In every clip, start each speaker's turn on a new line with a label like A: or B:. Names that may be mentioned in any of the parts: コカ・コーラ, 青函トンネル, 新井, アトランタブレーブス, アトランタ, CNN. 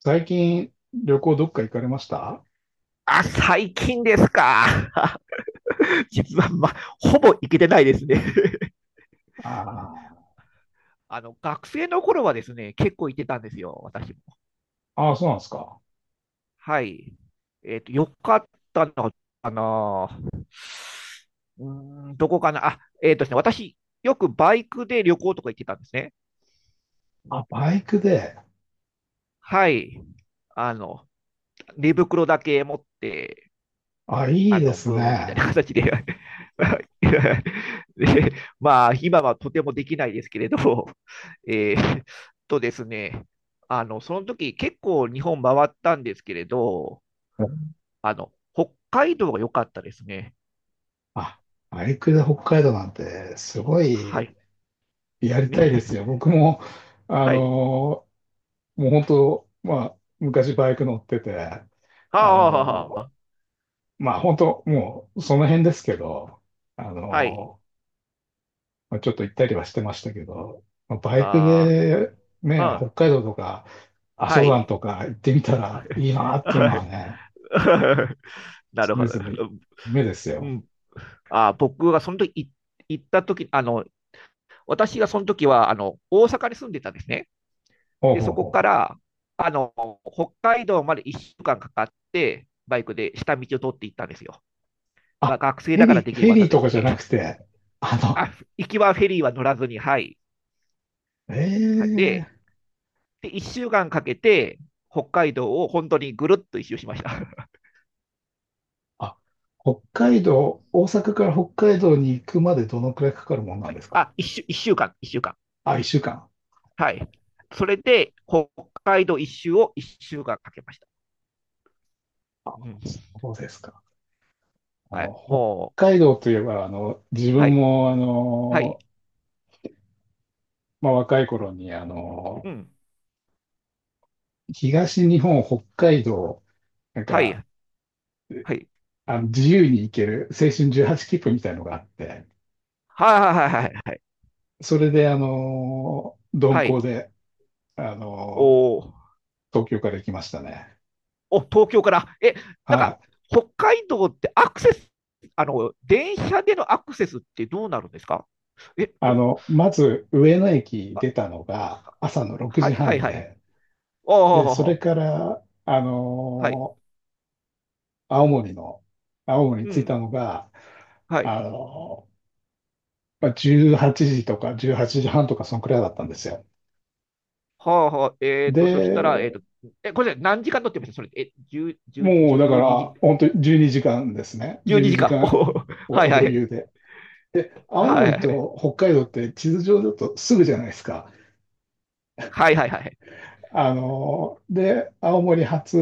A: 最近、旅行どっか行かれましたあ？
B: あ、最近ですか。実は、ほぼ行けてないですね。
A: あ
B: あの、学生の頃はですね、結構行ってたんですよ、私も。
A: ー、あーそうなんですか。
B: はい。よかったのかな。うどこかな。あ、えっとですね、私、よくバイクで旅行とか行ってたんですね。
A: あ、バイクで。
B: はい。あの、寝袋だけ持って、
A: あ、いいです
B: ブーンみたい
A: ね。
B: な形で。 で、まあ、今はとてもできないですけれど、えーっですね、その時結構日本回ったんですけれど、北海道が良かったですね。
A: あ、バイクで北海道なんて、すご
B: は
A: い
B: い。
A: や り
B: ね、
A: たいですよ。僕も、あ
B: はい。
A: のーもう本当、まあ、昔バイク乗ってて、あ
B: ああ、
A: のーまあ本当、もうその辺ですけど、あ
B: はい。
A: のーまあ、ちょっと行ったりはしてましたけど、まあ、バイク
B: あ
A: でね、
B: あ、うん、
A: 北海道とか阿
B: は
A: 蘇山
B: い。
A: とか行ってみたらいいなっていうの
B: は
A: は
B: い。
A: ね、
B: なる
A: 常
B: ほど。
A: 々目です
B: う
A: よ。
B: ん。あー、僕がその時い行った時、私がその時はあの大阪に住んでたんですね。
A: ほう
B: で、
A: ほ
B: そ
A: う
B: こか
A: ほう。
B: らあの北海道まで1週間かんかかって、バイクで下道を通っていったんですよ。ま
A: あ、
B: あ、学生
A: フェ
B: だから
A: リ
B: で
A: ー、
B: き
A: フ
B: る
A: ェ
B: 技
A: リー
B: で
A: と
B: す
A: か
B: よ
A: じゃな
B: ね。
A: くて、あ
B: あ、行きはフェリーは乗らずに、はい。
A: の、
B: で、
A: ええ
B: で1週間かんかけて、北海道を本当にぐるっと一周しました。
A: あ、北海道、大阪から北海道に行くまでどのくらいかかるもんなんですか？
B: あ、一週間。
A: あ、一週間。
B: はい。それで、北海道一周を一週間かけました。うん。
A: そうですか。あ
B: は
A: の、
B: い。もう、
A: 北海道といえば、あの、自
B: は
A: 分
B: い。
A: も、あ
B: はい。
A: の、まあ、若い
B: う
A: 頃
B: ん。
A: に、あの、
B: うん、
A: 東日本、北海道、なん
B: は
A: か、
B: い。はい。
A: あの、自由に行ける青春18切符みたいのがあって、
B: はいはいはいはいはい。
A: それで、鈍
B: は
A: 行
B: い。
A: で、あ
B: お
A: の
B: ー。
A: 東京から行きましたね。
B: お、東京から。え、なんか、
A: はい。
B: 北海道ってアクセス、あの、電車でのアクセスってどうなるんですか？え、
A: あ
B: と、
A: の、まず、上野駅
B: あ、
A: 出たのが朝の6
B: はい
A: 時
B: は
A: 半
B: いはい。あ、
A: で、で、それ
B: お、
A: から、
B: はい。
A: ー、青森の、青森に
B: う
A: 着いた
B: ん。
A: のが、
B: はい。
A: あのまあ18時とか18時半とか、そのくらいだったんですよ。
B: はあはあ、そしたら、
A: で、
B: え、これ何時間乗ってましたそれ？え、10、10、
A: もうだから、
B: 時、
A: 本当に12時間ですね。
B: 12
A: 12
B: 時
A: 時
B: 間。
A: 間
B: お
A: は
B: ー、はい
A: 余
B: はい。
A: 裕で。で、青
B: はいは
A: 森
B: い
A: と北海道って地図上だとすぐじゃないですか。
B: はいはいはい。
A: あの、で、青森発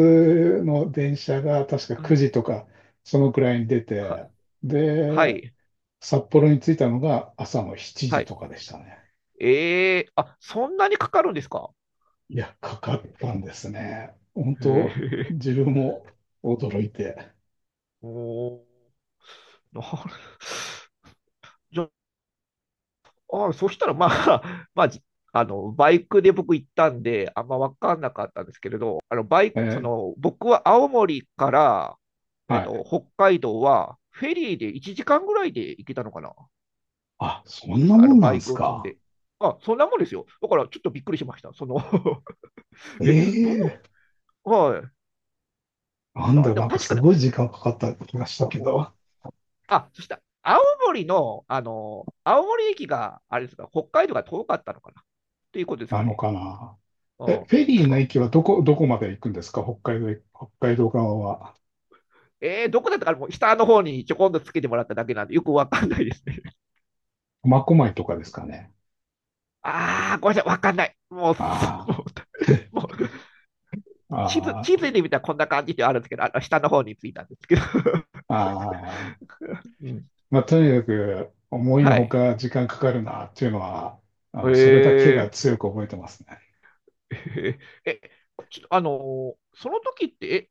A: の電車が確か
B: う
A: 9
B: ん、
A: 時とか、そのくらいに出
B: は、
A: て、
B: は
A: で、
B: い。
A: 札幌に着いたのが朝の7
B: は
A: 時
B: い。
A: とかでしたね。
B: えー、あ、そんなにかかるんですか？
A: いや、かかったんですね。本
B: へ
A: 当、
B: え。
A: 自分も驚いて。
B: おー。なるじゃあ、あ、そしたらまあ、あの、バイクで僕行ったんで、あんま分かんなかったんですけれど、あの、バイ
A: え
B: ク、そ
A: ー
B: の、僕は青森から、
A: はい。
B: 北海道は、フェリーで1時間ぐらいで行けたのかな。
A: あ、そん
B: 確
A: な
B: か、
A: もんな
B: バ
A: ん
B: イ
A: です
B: クを積ん
A: か？
B: で。あ、そんなもんですよ。だから、ちょっとびっくりしました。え、ど
A: ええ
B: う、はい。
A: なん
B: あ、
A: だ、
B: で
A: な
B: も
A: んか
B: 確
A: す
B: かに、
A: ごい時間かかった気がしたけど、
B: あ、そしたら、青森駅が、あれですか、北海道が遠かったのかなということです
A: な
B: か
A: の
B: ね。
A: かな。
B: う
A: え、
B: ん。
A: フェリー
B: 確
A: の駅
B: か。
A: はどこまで行くんですか北海道へ、北海道側は？
B: えー、どこだったかな。もう下の方にちょこんとつけてもらっただけなんで、よくわかんないですね。
A: 苫小牧とかですかね。
B: あー、ごめんなさい、わかんない。もう、す
A: あ
B: もう、もう
A: あ、
B: 地
A: あ
B: 図で見たらこんな感じではあるんですけど、下の方についたんですけど。
A: あ、ああ。
B: うん。
A: まあ、とにかく、思いの
B: は
A: ほ
B: い。
A: か時間かかるなっていうのは、あ
B: え
A: の、それだけ
B: ー、
A: が強く覚えてますね。
B: えーえ、ちょっとあのーその時って、え、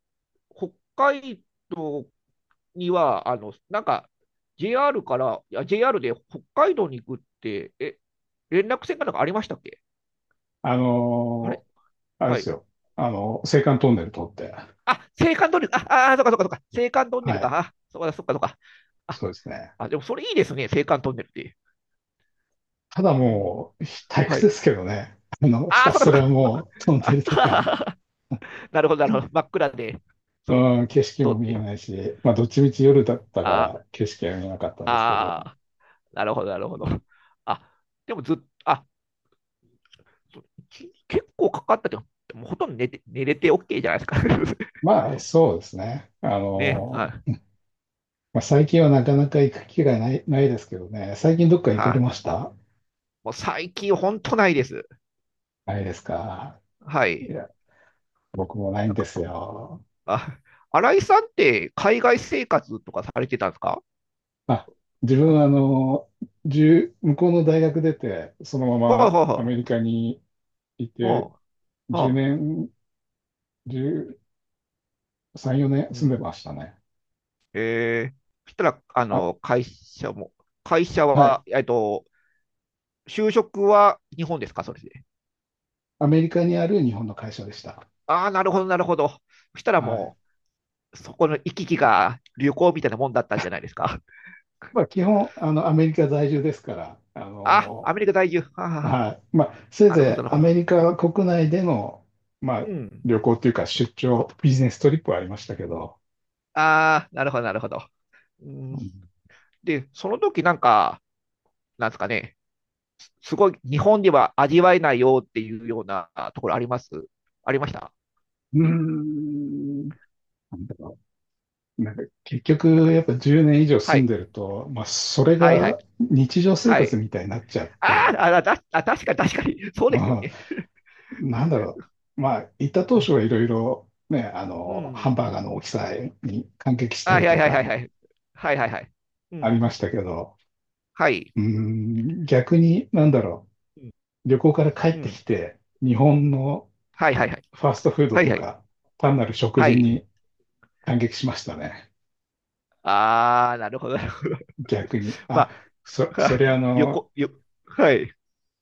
B: 北海道には、JR から、いや JR で北海道に行くって、え、連絡線かなんかありましたっけ？
A: あ
B: あれ、
A: のーあれで
B: は
A: す
B: い。
A: よ。あの、青函トンネル通って。
B: あ、青函トンネル、あ、そっかそっかそっか、青函トンネル
A: は
B: か、
A: い。
B: あ、そっかそっかそっか。あ、
A: そうですね。
B: でもそれいいですね、青函トンネルって。
A: ただ
B: うん、
A: もう、退
B: は
A: 屈で
B: い。
A: すけどね。あの、ひ
B: あ、
A: た
B: そっ
A: す
B: かそっ
A: ら
B: か。
A: もうトンネルだから。
B: あ なるほど、なるほど。真っ暗で、
A: うん、景色も
B: 通っ
A: 見
B: て。
A: えないし、まあ、どっちみち夜だったか
B: あ
A: ら景色は見えなかったんですけど、
B: あ、なるほど、なるほど。あ、でもずっと、あ、結構かかったけど、もうほとんど寝れて OK じゃないですか。
A: まあ、そうですね。あ
B: ね、
A: の、
B: はい。は
A: まあ、最近はなかなか行く機会ないですけどね。最近どっか行かれ
B: あ、
A: ました？
B: もう最近ほんとないです。
A: ないですか？
B: は
A: い
B: い。
A: や、僕もない
B: な
A: ん
B: ん
A: で
B: か、
A: すよ。
B: あ、新井さんって海外生活とかされてたんですか？
A: まあ、自分はあの、1向こうの大学出て、そのま
B: はい
A: まア
B: は
A: メリカにい
B: い。
A: て、
B: はい
A: 10
B: は
A: 年、13、4
B: い。
A: 年
B: う
A: 住んで
B: ん。
A: ましたね。
B: えー、そしたら、
A: あ、
B: 会社
A: はい。
B: は、就職は日本ですかそれで？
A: アメリカにある日本の会社でした。
B: ああ、なるほど、なるほど。そしたら
A: はい。
B: もう、そこの行き来が旅行みたいなもんだったんじゃないですか？
A: まあ、基本、あの、アメリカ在住ですから、あ
B: あ、ア
A: の、
B: メリカ在住。はあはあ、は、
A: はい。まあ、せい
B: なるほ
A: ぜ
B: ど、
A: い
B: な
A: ア
B: るほ
A: メ
B: ど。
A: リカ国内での、まあ、
B: うん。
A: 旅行というか出張、ビジネストリップはありましたけど、
B: ああ、なるほど、なるほど。うん、
A: うん、
B: で、その時なんか、なんですかね、すごい日本では味わえないよっていうようなところあります、ありました？
A: うーんなんだろう。なんか、結局、
B: なんか、
A: やっぱ10年以上
B: は
A: 住ん
B: い、
A: でると、まあ、それ
B: はい、はい、
A: が日常生
B: は
A: 活
B: い。
A: みたいになっちゃっ
B: あ
A: て、
B: ーあ、確かに、確かに、そう
A: う
B: ですよ
A: ん
B: ね。
A: なんだろう。まあ、行った当初はいろいろ、ね、あ
B: う
A: の、ハ
B: ん。
A: ンバーガーの大きさに感激し
B: あ、
A: た
B: はい、
A: り
B: はい、
A: と
B: はい、はい、は
A: か、
B: い、はい、はい、はい、うんうん
A: あ
B: う
A: りま
B: ん。
A: したけど、
B: はい、
A: うーん、逆に、なんだろ
B: うん。
A: う。旅行から帰
B: う
A: って
B: ん。
A: きて、日本の
B: はい、はい、はい、
A: ファーストフード
B: はい、
A: と
B: はい、
A: か、単なる食
B: は
A: 事
B: い。
A: に感激しましたね。
B: ああ、なるほど、なるほど。
A: 逆に。
B: ま
A: あ、
B: あ、
A: そ、そ
B: は、
A: れあ
B: よ
A: の、
B: こ、よ、はい、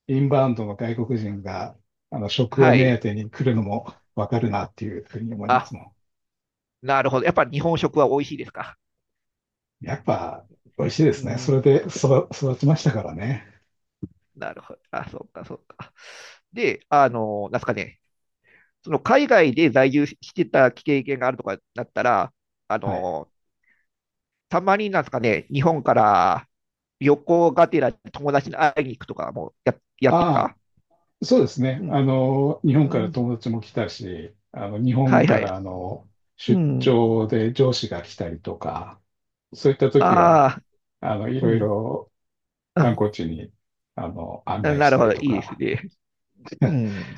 A: インバウンドの外国人が、あの、食を
B: は
A: 目当
B: い。
A: てに来るのもわかるなっていうふうに思いま
B: あ、
A: すも
B: なるほど。やっぱ日本食は美味しいですか？
A: ん。やっぱ、美味しいで
B: うー
A: すね。それ
B: ん、
A: で育ちましたからね。
B: なるほど。あ、そうか、そうか。で、あの、なんすかね、その海外で在住してた経験があるとかだったら、あ
A: はい。
B: の、たまになんすかね、日本から旅行がてら友達に会いに行くとかもや、やってた
A: あ
B: か？
A: あ、そうですね。
B: う
A: あ
B: ん、
A: の、日
B: う
A: 本から
B: ん、
A: 友達も来たし、あの、日
B: は
A: 本
B: い
A: か
B: はい。
A: らあの、
B: う
A: 出
B: ん、
A: 張で上司が来たりとか、そういった時は、
B: ああ、
A: あの、い
B: う
A: ろい
B: ん、
A: ろ観
B: あ、
A: 光地に、あの、案内
B: な
A: し
B: る
A: た
B: ほ
A: り
B: ど、い
A: と
B: いです
A: か、
B: ね。うん。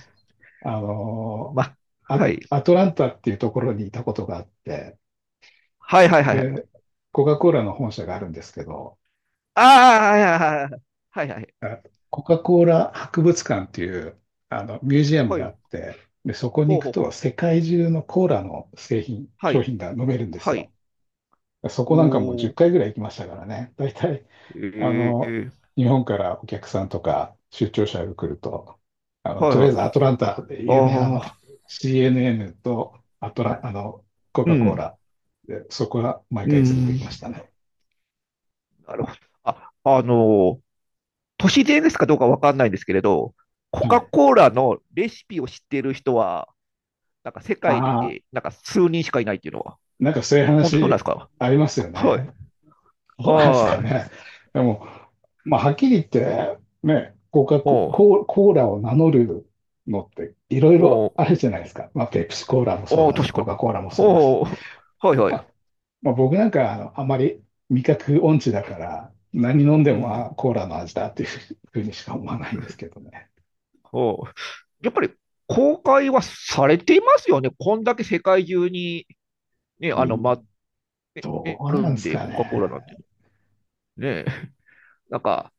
A: あの、
B: ま、
A: ア、
B: はい。
A: アトランタっていうところにいたことがあって、
B: はいはいはいはい。
A: で、コカ・コーラの本社があるんですけど、
B: ああ、はいはいはいはい。はいはい。
A: あコカ・コーラ博物館っていうあのミュージアム
B: は
A: が
B: い。
A: あって、で、そこに
B: ほう
A: 行く
B: ほう
A: と
B: ほう。
A: 世界中のコーラの製品、
B: は
A: 商
B: い。
A: 品が飲めるんです
B: はい。
A: よ。そこなんかもう
B: お
A: 10
B: ー。
A: 回ぐらい行きましたからね。大体、あ
B: え
A: の、
B: え、
A: 日本からお客さんとか出張者が来ると、あの、
B: はい
A: とり
B: は
A: あ
B: い。
A: えずアトランタで有名なあの
B: ああ、
A: CNN とアトラ、あの、コ
B: う
A: カ・コー
B: ん。
A: ラ、で、そこは毎
B: う
A: 回連れて
B: ん。
A: きましたね。
B: なるほど。あ、あのー都市伝ですかどうかわかんないんですけれど、コ
A: は
B: カ・
A: い。
B: コーラのレシピを知っている人は、なんか世界
A: ああ、
B: で、なんか数人しかいないっていうのは、
A: なんかそういう
B: 本当なんで
A: 話
B: すか？
A: ありますよ
B: は
A: ね。
B: い。
A: どうなんです
B: あ
A: か
B: あ。
A: ね。でも、まあ、はっきり言って、ね、コカ・コ
B: おう、
A: コーコーラを名乗るのっていろい
B: お
A: ろ
B: う、
A: あるじゃないですか。まあ、ペプシコーラもそう
B: おう、
A: だし、
B: 確か
A: コ
B: に。
A: カ・コーラもそうだし。
B: おう、はいはい。
A: まあ、まあ、僕なんかあの、あまり味覚音痴だ
B: う
A: か
B: ん。
A: ら、何飲んで
B: う
A: も、
B: ん
A: あ、コーラの味だっていうふうにしか思わないんですけどね。
B: うん。やっぱり公開はされていますよね。こんだけ世界中に、ね、あ
A: い
B: の、ま、
A: い
B: ね、
A: ど
B: ねあ
A: う
B: る
A: なんで
B: ん
A: す
B: で、
A: か
B: コカ・コーラ
A: ね。
B: なんてね。なんか、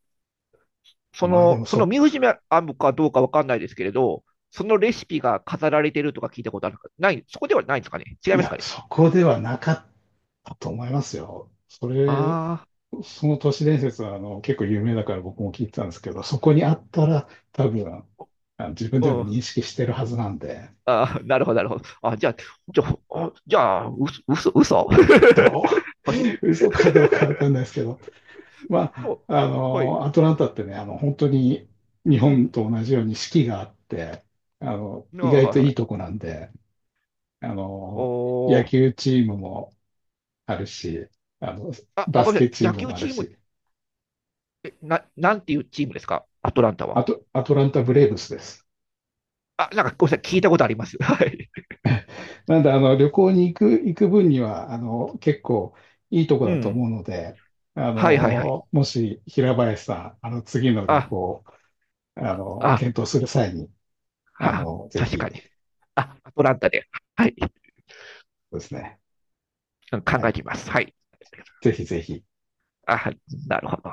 A: まあでも
B: その
A: そ、
B: ミュージアムかどうかわかんないですけれど、そのレシピが飾られてるとか聞いたことあるかない、そこではないんですかね、違い
A: い
B: ます
A: や、
B: かね？
A: そこではなかったと思いますよ。それ
B: あ
A: その都市伝説はあの結構有名だから僕も聞いてたんですけど、そこにあったら多分あの自分
B: あ、
A: で
B: う
A: も
B: ん。
A: 認識してるはずなんで、
B: ああ、なるほど、なるほど。じゃあ、う、嘘。
A: ど
B: マジで。
A: 嘘かどうかわかんないですけど、ま
B: で
A: あ、
B: も、
A: あ
B: はい。
A: の、アトランタってね、あの、本当に日
B: う
A: 本
B: ん。
A: と同じように四季があって、あの、
B: あ
A: 意
B: あ、
A: 外
B: は
A: と
B: い、は
A: いいと
B: い。
A: こなんで、あの、
B: ほ
A: 野
B: ー。
A: 球チームもあるし、あの、
B: あ、あ、
A: バ
B: ご
A: ス
B: めんな
A: ケ
B: さい。
A: チ
B: 野
A: ーム
B: 球
A: もある
B: チームっ
A: し、
B: え、な、なんていうチームですかアトランタ
A: あ
B: は？
A: と、アトランタブレーブスです。
B: あ、なんかごめんなさい、聞いたことあります。はい。
A: なんで、あの、旅行に行く分には、あの、結構いいとこ
B: う
A: だと思
B: ん。
A: うので、あ
B: はいはいはい。
A: の、もし平林さん、あの、次の旅
B: あ、
A: 行、あの、
B: あ、
A: 検討する際に、あ
B: は、
A: の、ぜ
B: 確
A: ひ
B: かに。あ、アトランタで。はい。
A: ですね、は
B: 考
A: い、
B: えてみます。はい。
A: ぜひぜひ。
B: あ、なるほど。